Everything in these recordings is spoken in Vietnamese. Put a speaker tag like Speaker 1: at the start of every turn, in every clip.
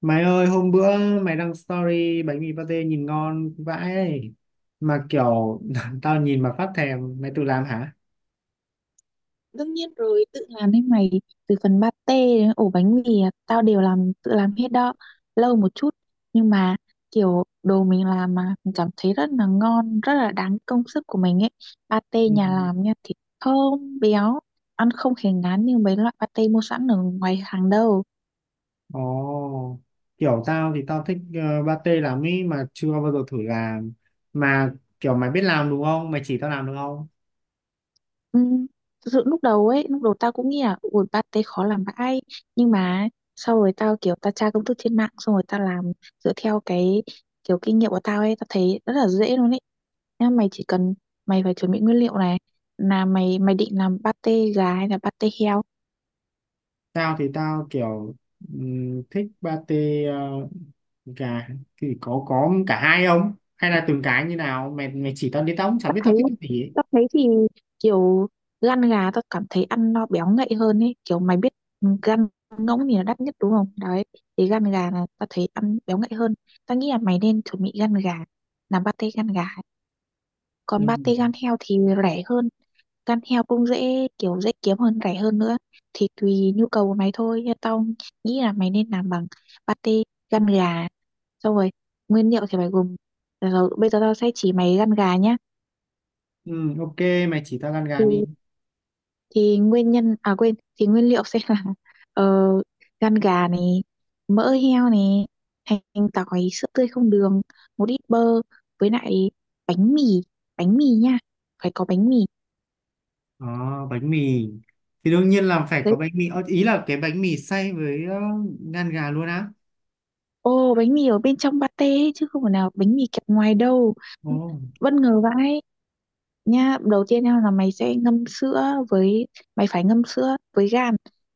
Speaker 1: Mày ơi hôm bữa mày đăng story bánh mì pate nhìn ngon vãi ấy. Mà kiểu tao nhìn mà phát thèm, mày tự làm hả?
Speaker 2: Đương nhiên rồi, tự làm đấy mày, từ phần pate đến ổ bánh mì, à, tao đều làm, tự làm hết đó. Lâu một chút, nhưng mà kiểu đồ mình làm mà mình cảm thấy rất là ngon, rất là đáng công sức của mình ấy. Pate nhà
Speaker 1: Ừ.
Speaker 2: làm nha, thịt thơm, béo, ăn không hề ngán như mấy loại pate mua sẵn ở ngoài hàng đâu.
Speaker 1: Ồ, kiểu tao thì tao thích pate lắm ý, mà chưa bao giờ thử làm, mà kiểu mày biết làm đúng không? Mày chỉ tao làm được không?
Speaker 2: Ừm, thực sự lúc đầu tao cũng nghĩ là ủi pate khó làm vãi, nhưng mà sau rồi tao kiểu tao tra công thức trên mạng xong rồi tao làm dựa theo cái kiểu kinh nghiệm của tao ấy, tao thấy rất là dễ luôn ấy. Nha, mày chỉ cần mày phải chuẩn bị nguyên liệu này, là mày mày định làm pate gà hay là pate heo.
Speaker 1: Tao thì tao kiểu thích pate, ờ, gà, thì có cả hai không? Hay là từng cái như nào? Mày mày chỉ tao đi, tao cũng chả
Speaker 2: tao
Speaker 1: biết
Speaker 2: thấy
Speaker 1: tao thích cái gì ấy.
Speaker 2: tao thấy thì kiểu lăn gà tao cảm thấy ăn nó béo ngậy hơn ấy, kiểu mày biết, ừ, gan ngỗng thì là đắt nhất đúng không đấy, thì gan gà là tao thấy ăn béo ngậy hơn, tao nghĩ là mày nên chuẩn bị gan gà, làm pate gan gà.
Speaker 1: Ừ.
Speaker 2: Còn pate gan heo thì rẻ hơn, gan heo cũng dễ kiểu dễ kiếm hơn, rẻ hơn nữa, thì tùy nhu cầu của mày thôi. Nhưng tao nghĩ là mày nên làm bằng pate gan gà. Xong rồi nguyên liệu thì mày gồm, rồi bây giờ tao sẽ chỉ mày gan gà nhá.
Speaker 1: Ừ, ok, mày chỉ tao gan gà đi.
Speaker 2: Ừ, thì nguyên nhân à quên thì nguyên liệu sẽ là ờ, gan gà này, mỡ heo này, hành tỏi, sữa tươi không đường, một ít bơ, với lại bánh mì, bánh mì nha, phải có bánh mì
Speaker 1: Ờ, bánh mì thì đương nhiên là phải
Speaker 2: đấy.
Speaker 1: có bánh mì. Ờ, ý là cái bánh mì xay với ngan gà luôn á.
Speaker 2: Ô bánh mì ở bên trong pate ấy, chứ không phải nào bánh mì kẹp ngoài đâu,
Speaker 1: Ồ,
Speaker 2: bất ngờ vãi. Nhá, đầu tiên nha là mày sẽ ngâm sữa, với mày phải ngâm sữa với gan,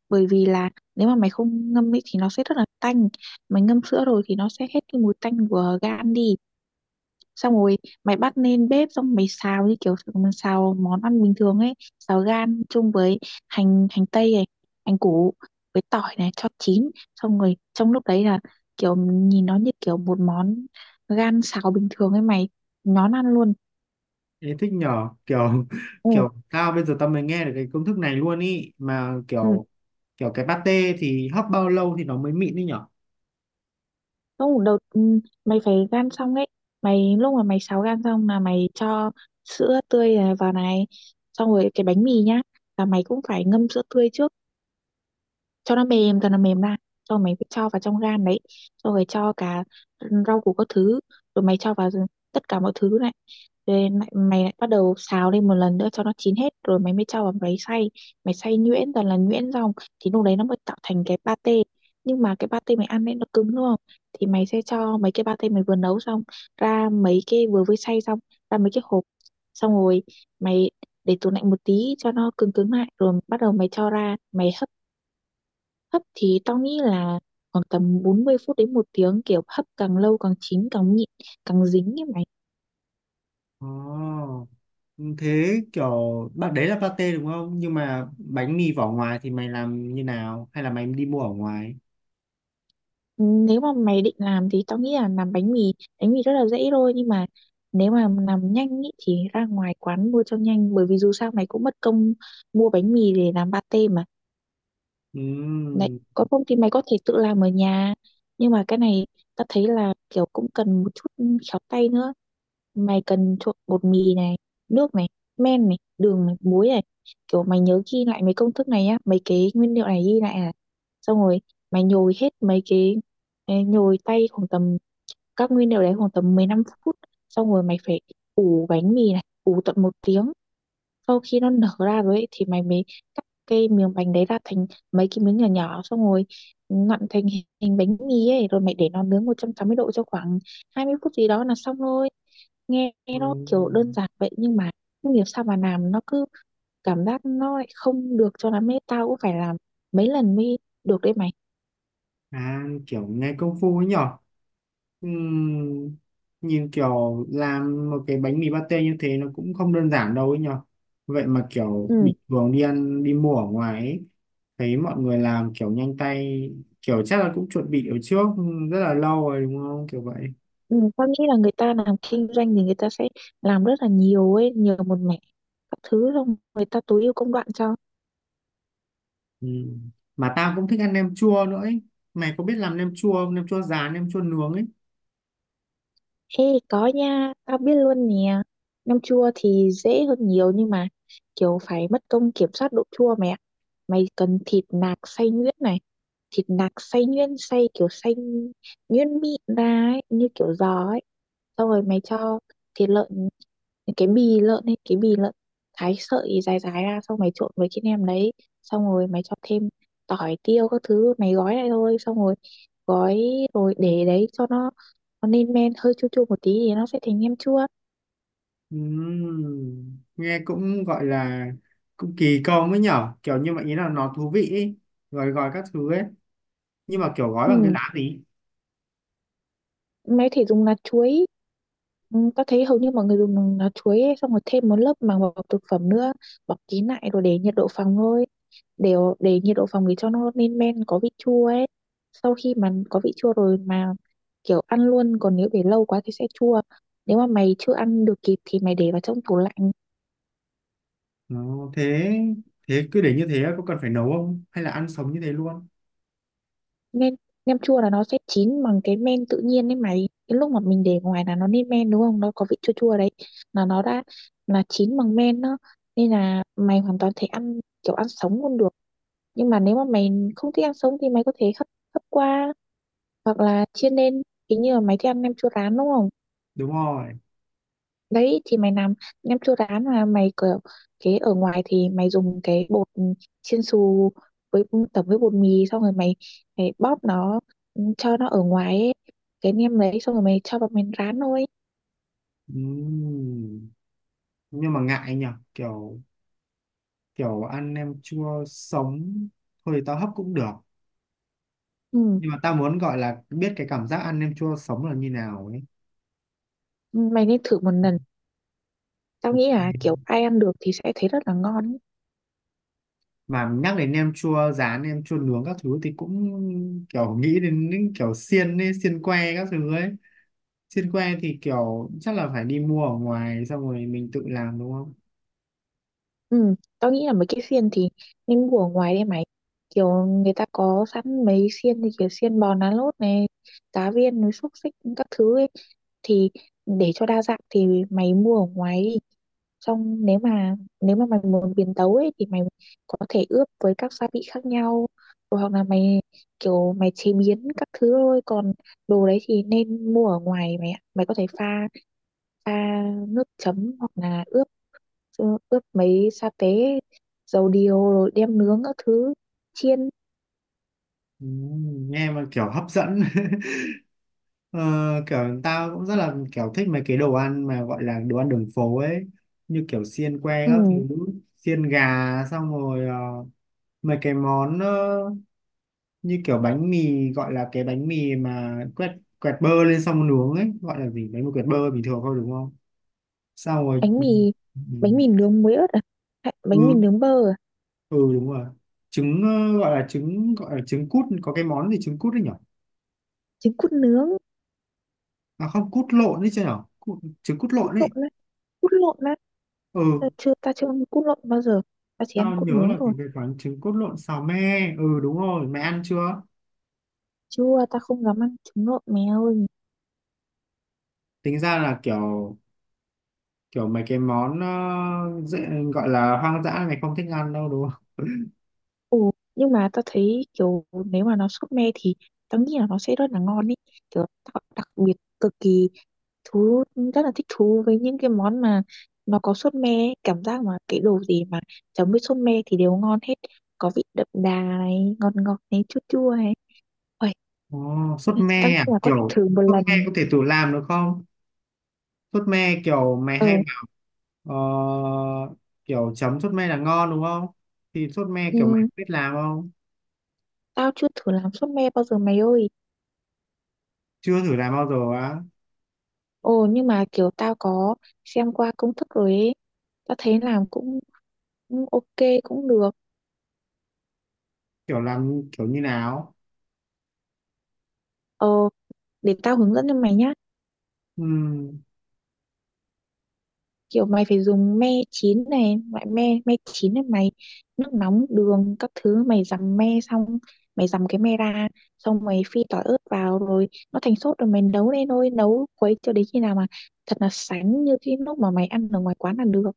Speaker 2: bởi vì là nếu mà mày không ngâm ấy thì nó sẽ rất là tanh, mày ngâm sữa rồi thì nó sẽ hết cái mùi tanh của gan đi. Xong rồi mày bắt lên bếp xong mày xào như kiểu mình xào món ăn bình thường ấy, xào gan chung với hành hành tây này, hành củ với tỏi này cho chín, xong rồi trong lúc đấy là kiểu nhìn nó như kiểu một món gan xào bình thường ấy mày, nhón ăn luôn.
Speaker 1: thế thích nhỏ kiểu
Speaker 2: Ồ,
Speaker 1: kiểu tao bây giờ tao mới nghe được cái công thức này luôn ý, mà
Speaker 2: ừ.
Speaker 1: kiểu kiểu cái pate thì hấp bao lâu thì nó mới mịn đi nhở?
Speaker 2: Không, đầu mày phải gan xong ấy. Mày lúc mà mày sáo gan xong là mày cho sữa tươi này vào này, xong rồi cái bánh mì nhá, là mày cũng phải ngâm sữa tươi trước cho nó mềm, cho nó mềm ra, cho mày phải cho vào trong gan đấy, cho rồi cho cả rau củ các thứ, rồi mày cho vào tất cả mọi thứ này, rồi lại, mày lại bắt đầu xào lên một lần nữa cho nó chín hết rồi mày mới cho vào máy xay, mày xay nhuyễn toàn là nhuyễn xong thì lúc đấy nó mới tạo thành cái pate. Nhưng mà cái pate mày ăn ấy nó cứng đúng không, thì mày sẽ cho mấy cái pate mày vừa nấu xong ra mấy cái vừa mới xay xong ra mấy cái hộp, xong rồi mày để tủ lạnh một tí cho nó cứng cứng lại rồi bắt đầu mày cho ra mày. Hấp thì tao nghĩ là khoảng tầm 40 phút đến 1 tiếng, kiểu hấp càng lâu càng chín càng nhịn, càng dính ấy mày.
Speaker 1: Ồ, thế kiểu bạn đấy là pate đúng không, nhưng mà bánh mì vỏ ngoài thì mày làm như nào hay là mày đi mua ở ngoài?
Speaker 2: Nếu mà mày định làm thì tao nghĩ là làm bánh mì rất là dễ thôi nhưng mà nếu mà làm nhanh ý, thì ra ngoài quán mua cho nhanh bởi vì dù sao mày cũng mất công mua bánh mì để làm pate mà.
Speaker 1: Ừ.
Speaker 2: Đấy, còn không thì mày có thể tự làm ở nhà. Nhưng mà cái này ta thấy là kiểu cũng cần một chút khéo tay nữa. Mày cần trộn bột mì này, nước này, men này, đường này, muối này. Kiểu mày nhớ ghi lại mấy công thức này nhá, mấy cái nguyên liệu này ghi lại này. Xong rồi mày nhồi hết mấy cái nhồi tay khoảng tầm các nguyên liệu đấy khoảng tầm 15 phút. Xong rồi mày phải ủ bánh mì này, ủ tận 1 tiếng, sau khi nó nở ra rồi ấy, thì mày mới cắt cái miếng bánh đấy ra thành mấy cái miếng nhỏ nhỏ xong rồi nặn thành hình hình bánh mì ấy rồi mày để nó nướng 180 độ cho khoảng 20 phút gì đó là xong rồi, nghe
Speaker 1: Ừ.
Speaker 2: nó kiểu đơn giản vậy nhưng mà không hiểu sao mà làm nó cứ cảm giác nó lại không được cho lắm ấy, tao cũng phải làm mấy lần mới được đấy mày.
Speaker 1: À kiểu nghe công phu ấy nhở. Ừm, nhìn kiểu làm một cái bánh mì pate như thế nó cũng không đơn giản đâu ấy nhở. Vậy mà kiểu
Speaker 2: Ừ,
Speaker 1: bình thường đi ăn đi mua ở ngoài ấy, thấy mọi người làm kiểu nhanh tay, kiểu chắc là cũng chuẩn bị ở trước rất là lâu rồi đúng không kiểu vậy.
Speaker 2: ừ tao nghĩ là người ta làm kinh doanh thì người ta sẽ làm rất là nhiều ấy, nhiều một mẻ các thứ, xong người ta tối ưu công đoạn cho.
Speaker 1: Ừm. Mà tao cũng thích ăn nem chua nữa ấy, mày có biết làm nem chua không, nem chua rán nem chua nướng ấy?
Speaker 2: Ê có nha, tao biết luôn nè. Nem chua thì dễ hơn nhiều nhưng mà kiểu phải mất công kiểm soát độ chua mẹ. Mày cần thịt nạc xay nhuyễn này, thịt nạc xay nhuyễn xay kiểu xay nhuyễn mịn ra ấy, như kiểu giò ấy. Xong rồi mày cho thịt lợn, cái bì lợn ấy, cái bì lợn thái sợi dài dài ra, xong mày trộn với cái nem đấy, xong rồi mày cho thêm tỏi tiêu các thứ, mày gói lại thôi, xong rồi gói rồi để đấy cho nó lên men hơi chua chua một tí thì nó sẽ thành nem chua.
Speaker 1: Nghe cũng gọi là cũng kỳ công ấy nhở, kiểu như vậy ý là nó thú vị ý. Rồi gọi các thứ ấy, nhưng mà kiểu gói bằng cái
Speaker 2: Ừ,
Speaker 1: lá gì?
Speaker 2: mẹ có thể dùng lá chuối, ừ, ta thấy hầu như mọi người dùng lá chuối ấy, xong rồi thêm một lớp màng bọc thực phẩm nữa, bọc kín lại rồi để nhiệt độ phòng thôi, để nhiệt độ phòng để cho nó lên men có vị chua ấy, sau khi mà có vị chua rồi mà kiểu ăn luôn, còn nếu để lâu quá thì sẽ chua, nếu mà mày chưa ăn được kịp thì mày để vào trong tủ lạnh.
Speaker 1: Nó thế, thế cứ để như thế có cần phải nấu không hay là ăn sống như thế luôn?
Speaker 2: Nem Nem chua là nó sẽ chín bằng cái men tự nhiên đấy mày, cái lúc mà mình để ngoài là nó lên men đúng không, nó có vị chua chua đấy là nó đã là chín bằng men đó, nên là mày hoàn toàn thể ăn kiểu ăn sống luôn được. Nhưng mà nếu mà mày không thích ăn sống thì mày có thể hấp, hấp qua hoặc là chiên lên, cái như là mày thích ăn nem chua rán đúng không.
Speaker 1: Đúng rồi.
Speaker 2: Đấy thì mày làm nem chua rán mà mày kiểu cái ở ngoài thì mày dùng cái bột chiên xù với tẩm với bột mì, xong rồi mày, mày bóp nó, ừ, cho nó ở ngoài ấy. Cái nem đấy xong rồi mày cho vào mình rán thôi.
Speaker 1: Ừm, nhưng mà ngại nhở, kiểu kiểu ăn nem chua sống, thôi thì tao hấp cũng được,
Speaker 2: Ừ.
Speaker 1: nhưng mà tao muốn gọi là biết cái cảm giác ăn nem chua sống là như nào ấy.
Speaker 2: Mày nên thử một lần. Tao nghĩ là kiểu ai ăn được thì sẽ thấy rất là ngon.
Speaker 1: Mà nhắc đến nem chua rán nem chua nướng các thứ thì cũng kiểu nghĩ đến những kiểu xiên ấy, xiên que các thứ ấy. Xiên que thì kiểu chắc là phải đi mua ở ngoài xong rồi mình tự làm đúng không?
Speaker 2: Ừ, tao nghĩ là mấy cái xiên thì nên mua ở ngoài đi mày. Kiểu người ta có sẵn mấy xiên thì kiểu xiên bò nán lốt này, cá viên, núi xúc xích các thứ ấy. Thì để cho đa dạng thì mày mua ở ngoài đi. Xong nếu mà mày muốn biến tấu ấy thì mày có thể ướp với các gia vị khác nhau. Rồi hoặc là mày kiểu mày chế biến các thứ thôi. Còn đồ đấy thì nên mua ở ngoài mày ạ. Mày có thể pha pha nước chấm hoặc là ướp, ướp mấy sa tế dầu điều rồi đem nướng các thứ, chiên.
Speaker 1: Ừ, nghe mà kiểu hấp dẫn. ờ, Kiểu tao cũng rất là kiểu thích mấy cái đồ ăn mà gọi là đồ ăn đường phố ấy, như kiểu xiên que các thứ,
Speaker 2: Ừ.
Speaker 1: xiên gà, xong rồi mấy cái món, như kiểu bánh mì, gọi là cái bánh mì mà quẹt, quẹt bơ lên xong nướng ấy, gọi là gì, bánh mì quẹt bơ bình thường thôi đúng không? Sao rồi,
Speaker 2: Bánh
Speaker 1: ừ.
Speaker 2: mì, bánh mì nướng muối ớt à, hay bánh mì
Speaker 1: Ừ,
Speaker 2: nướng bơ à?
Speaker 1: ừ đúng rồi. Trứng, gọi là trứng, gọi là trứng cút, có cái món gì trứng cút đấy nhở?
Speaker 2: Trứng cút nướng.
Speaker 1: À không, cút lộn đấy chứ nhở. Trứng cút
Speaker 2: Cút
Speaker 1: lộn đấy.
Speaker 2: lộn á. Cút lộn á.
Speaker 1: Ừ,
Speaker 2: Ờ, chưa, ta chưa ăn cút lộn bao giờ, ta chỉ ăn
Speaker 1: tao
Speaker 2: cút
Speaker 1: nhớ
Speaker 2: nướng
Speaker 1: là
Speaker 2: thôi.
Speaker 1: cái quán trứng cút lộn xào me, ừ đúng rồi, mày ăn chưa?
Speaker 2: Chưa, ta không dám ăn trứng lộn mèo.
Speaker 1: Tính ra là kiểu kiểu mấy cái món dễ, gọi là hoang dã mày không thích ăn đâu đúng không?
Speaker 2: Ừ, nhưng mà tao thấy kiểu nếu mà nó súp me thì tao nghĩ là nó sẽ rất là ngon ý, kiểu tao đặc biệt cực kỳ thú, rất là thích thú với những cái món mà nó có sốt me ấy. Cảm giác mà cái đồ gì mà chấm với sốt me thì đều ngon hết, có vị đậm đà này, ngọt ngọt này, chua chua này. Uầy,
Speaker 1: Ồ, sốt
Speaker 2: tao
Speaker 1: me
Speaker 2: nghĩ
Speaker 1: à?
Speaker 2: là có thể
Speaker 1: Kiểu
Speaker 2: thử một
Speaker 1: sốt me
Speaker 2: lần.
Speaker 1: có thể tự làm được không? Sốt me kiểu mày
Speaker 2: ờ
Speaker 1: hay bảo ờ, kiểu chấm sốt me là ngon đúng không? Thì sốt me kiểu mày
Speaker 2: ừ,
Speaker 1: biết làm không?
Speaker 2: tao chưa thử làm sốt me bao giờ mày ơi.
Speaker 1: Chưa thử làm bao giờ á?
Speaker 2: Ồ nhưng mà kiểu tao có xem qua công thức rồi ấy, tao thấy làm cũng cũng ok, cũng được.
Speaker 1: Kiểu làm kiểu như nào?
Speaker 2: Ờ, để tao hướng dẫn cho mày nhá.
Speaker 1: Ừm,
Speaker 2: Kiểu mày phải dùng me chín này, loại me me chín này mày, nước nóng, đường các thứ mày dằm me xong, mày dằm cái me ra, xong mày phi tỏi ớt vào rồi nó thành sốt rồi mày nấu lên thôi, nấu quấy cho đến khi nào mà thật là sánh như cái lúc mà mày ăn ở ngoài quán là được.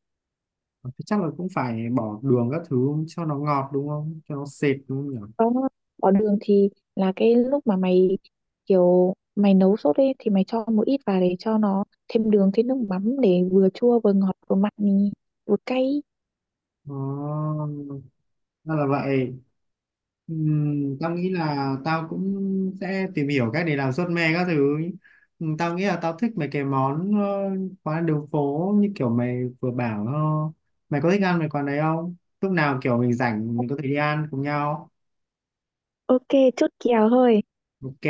Speaker 1: ờ, thế chắc là cũng phải bỏ đường các thứ cho nó ngọt đúng không? Cho nó sệt đúng không nhỉ?
Speaker 2: Có, bỏ đường thì là cái lúc mà mày kiểu mày nấu sốt ấy thì mày cho một ít vào để cho nó thêm đường, thêm nước mắm để vừa chua vừa ngọt vừa mặn vừa cay.
Speaker 1: Ồ, ra là vậy. Tao nghĩ là tao cũng sẽ tìm hiểu cách để làm suất me các thứ. Tao nghĩ là tao thích mấy cái món quán đường phố như kiểu mày vừa bảo. Ờ, Mày có thích ăn mấy quán đấy không, lúc nào kiểu mình rảnh mình có thể đi ăn cùng nhau.
Speaker 2: Ok, chốt kèo thôi.
Speaker 1: Ok,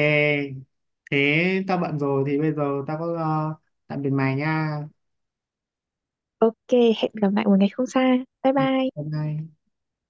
Speaker 1: thế tao bận rồi, thì bây giờ tao có tạm biệt mày nha.
Speaker 2: Ok, hẹn gặp lại một ngày không xa. Bye bye.
Speaker 1: Bye bye.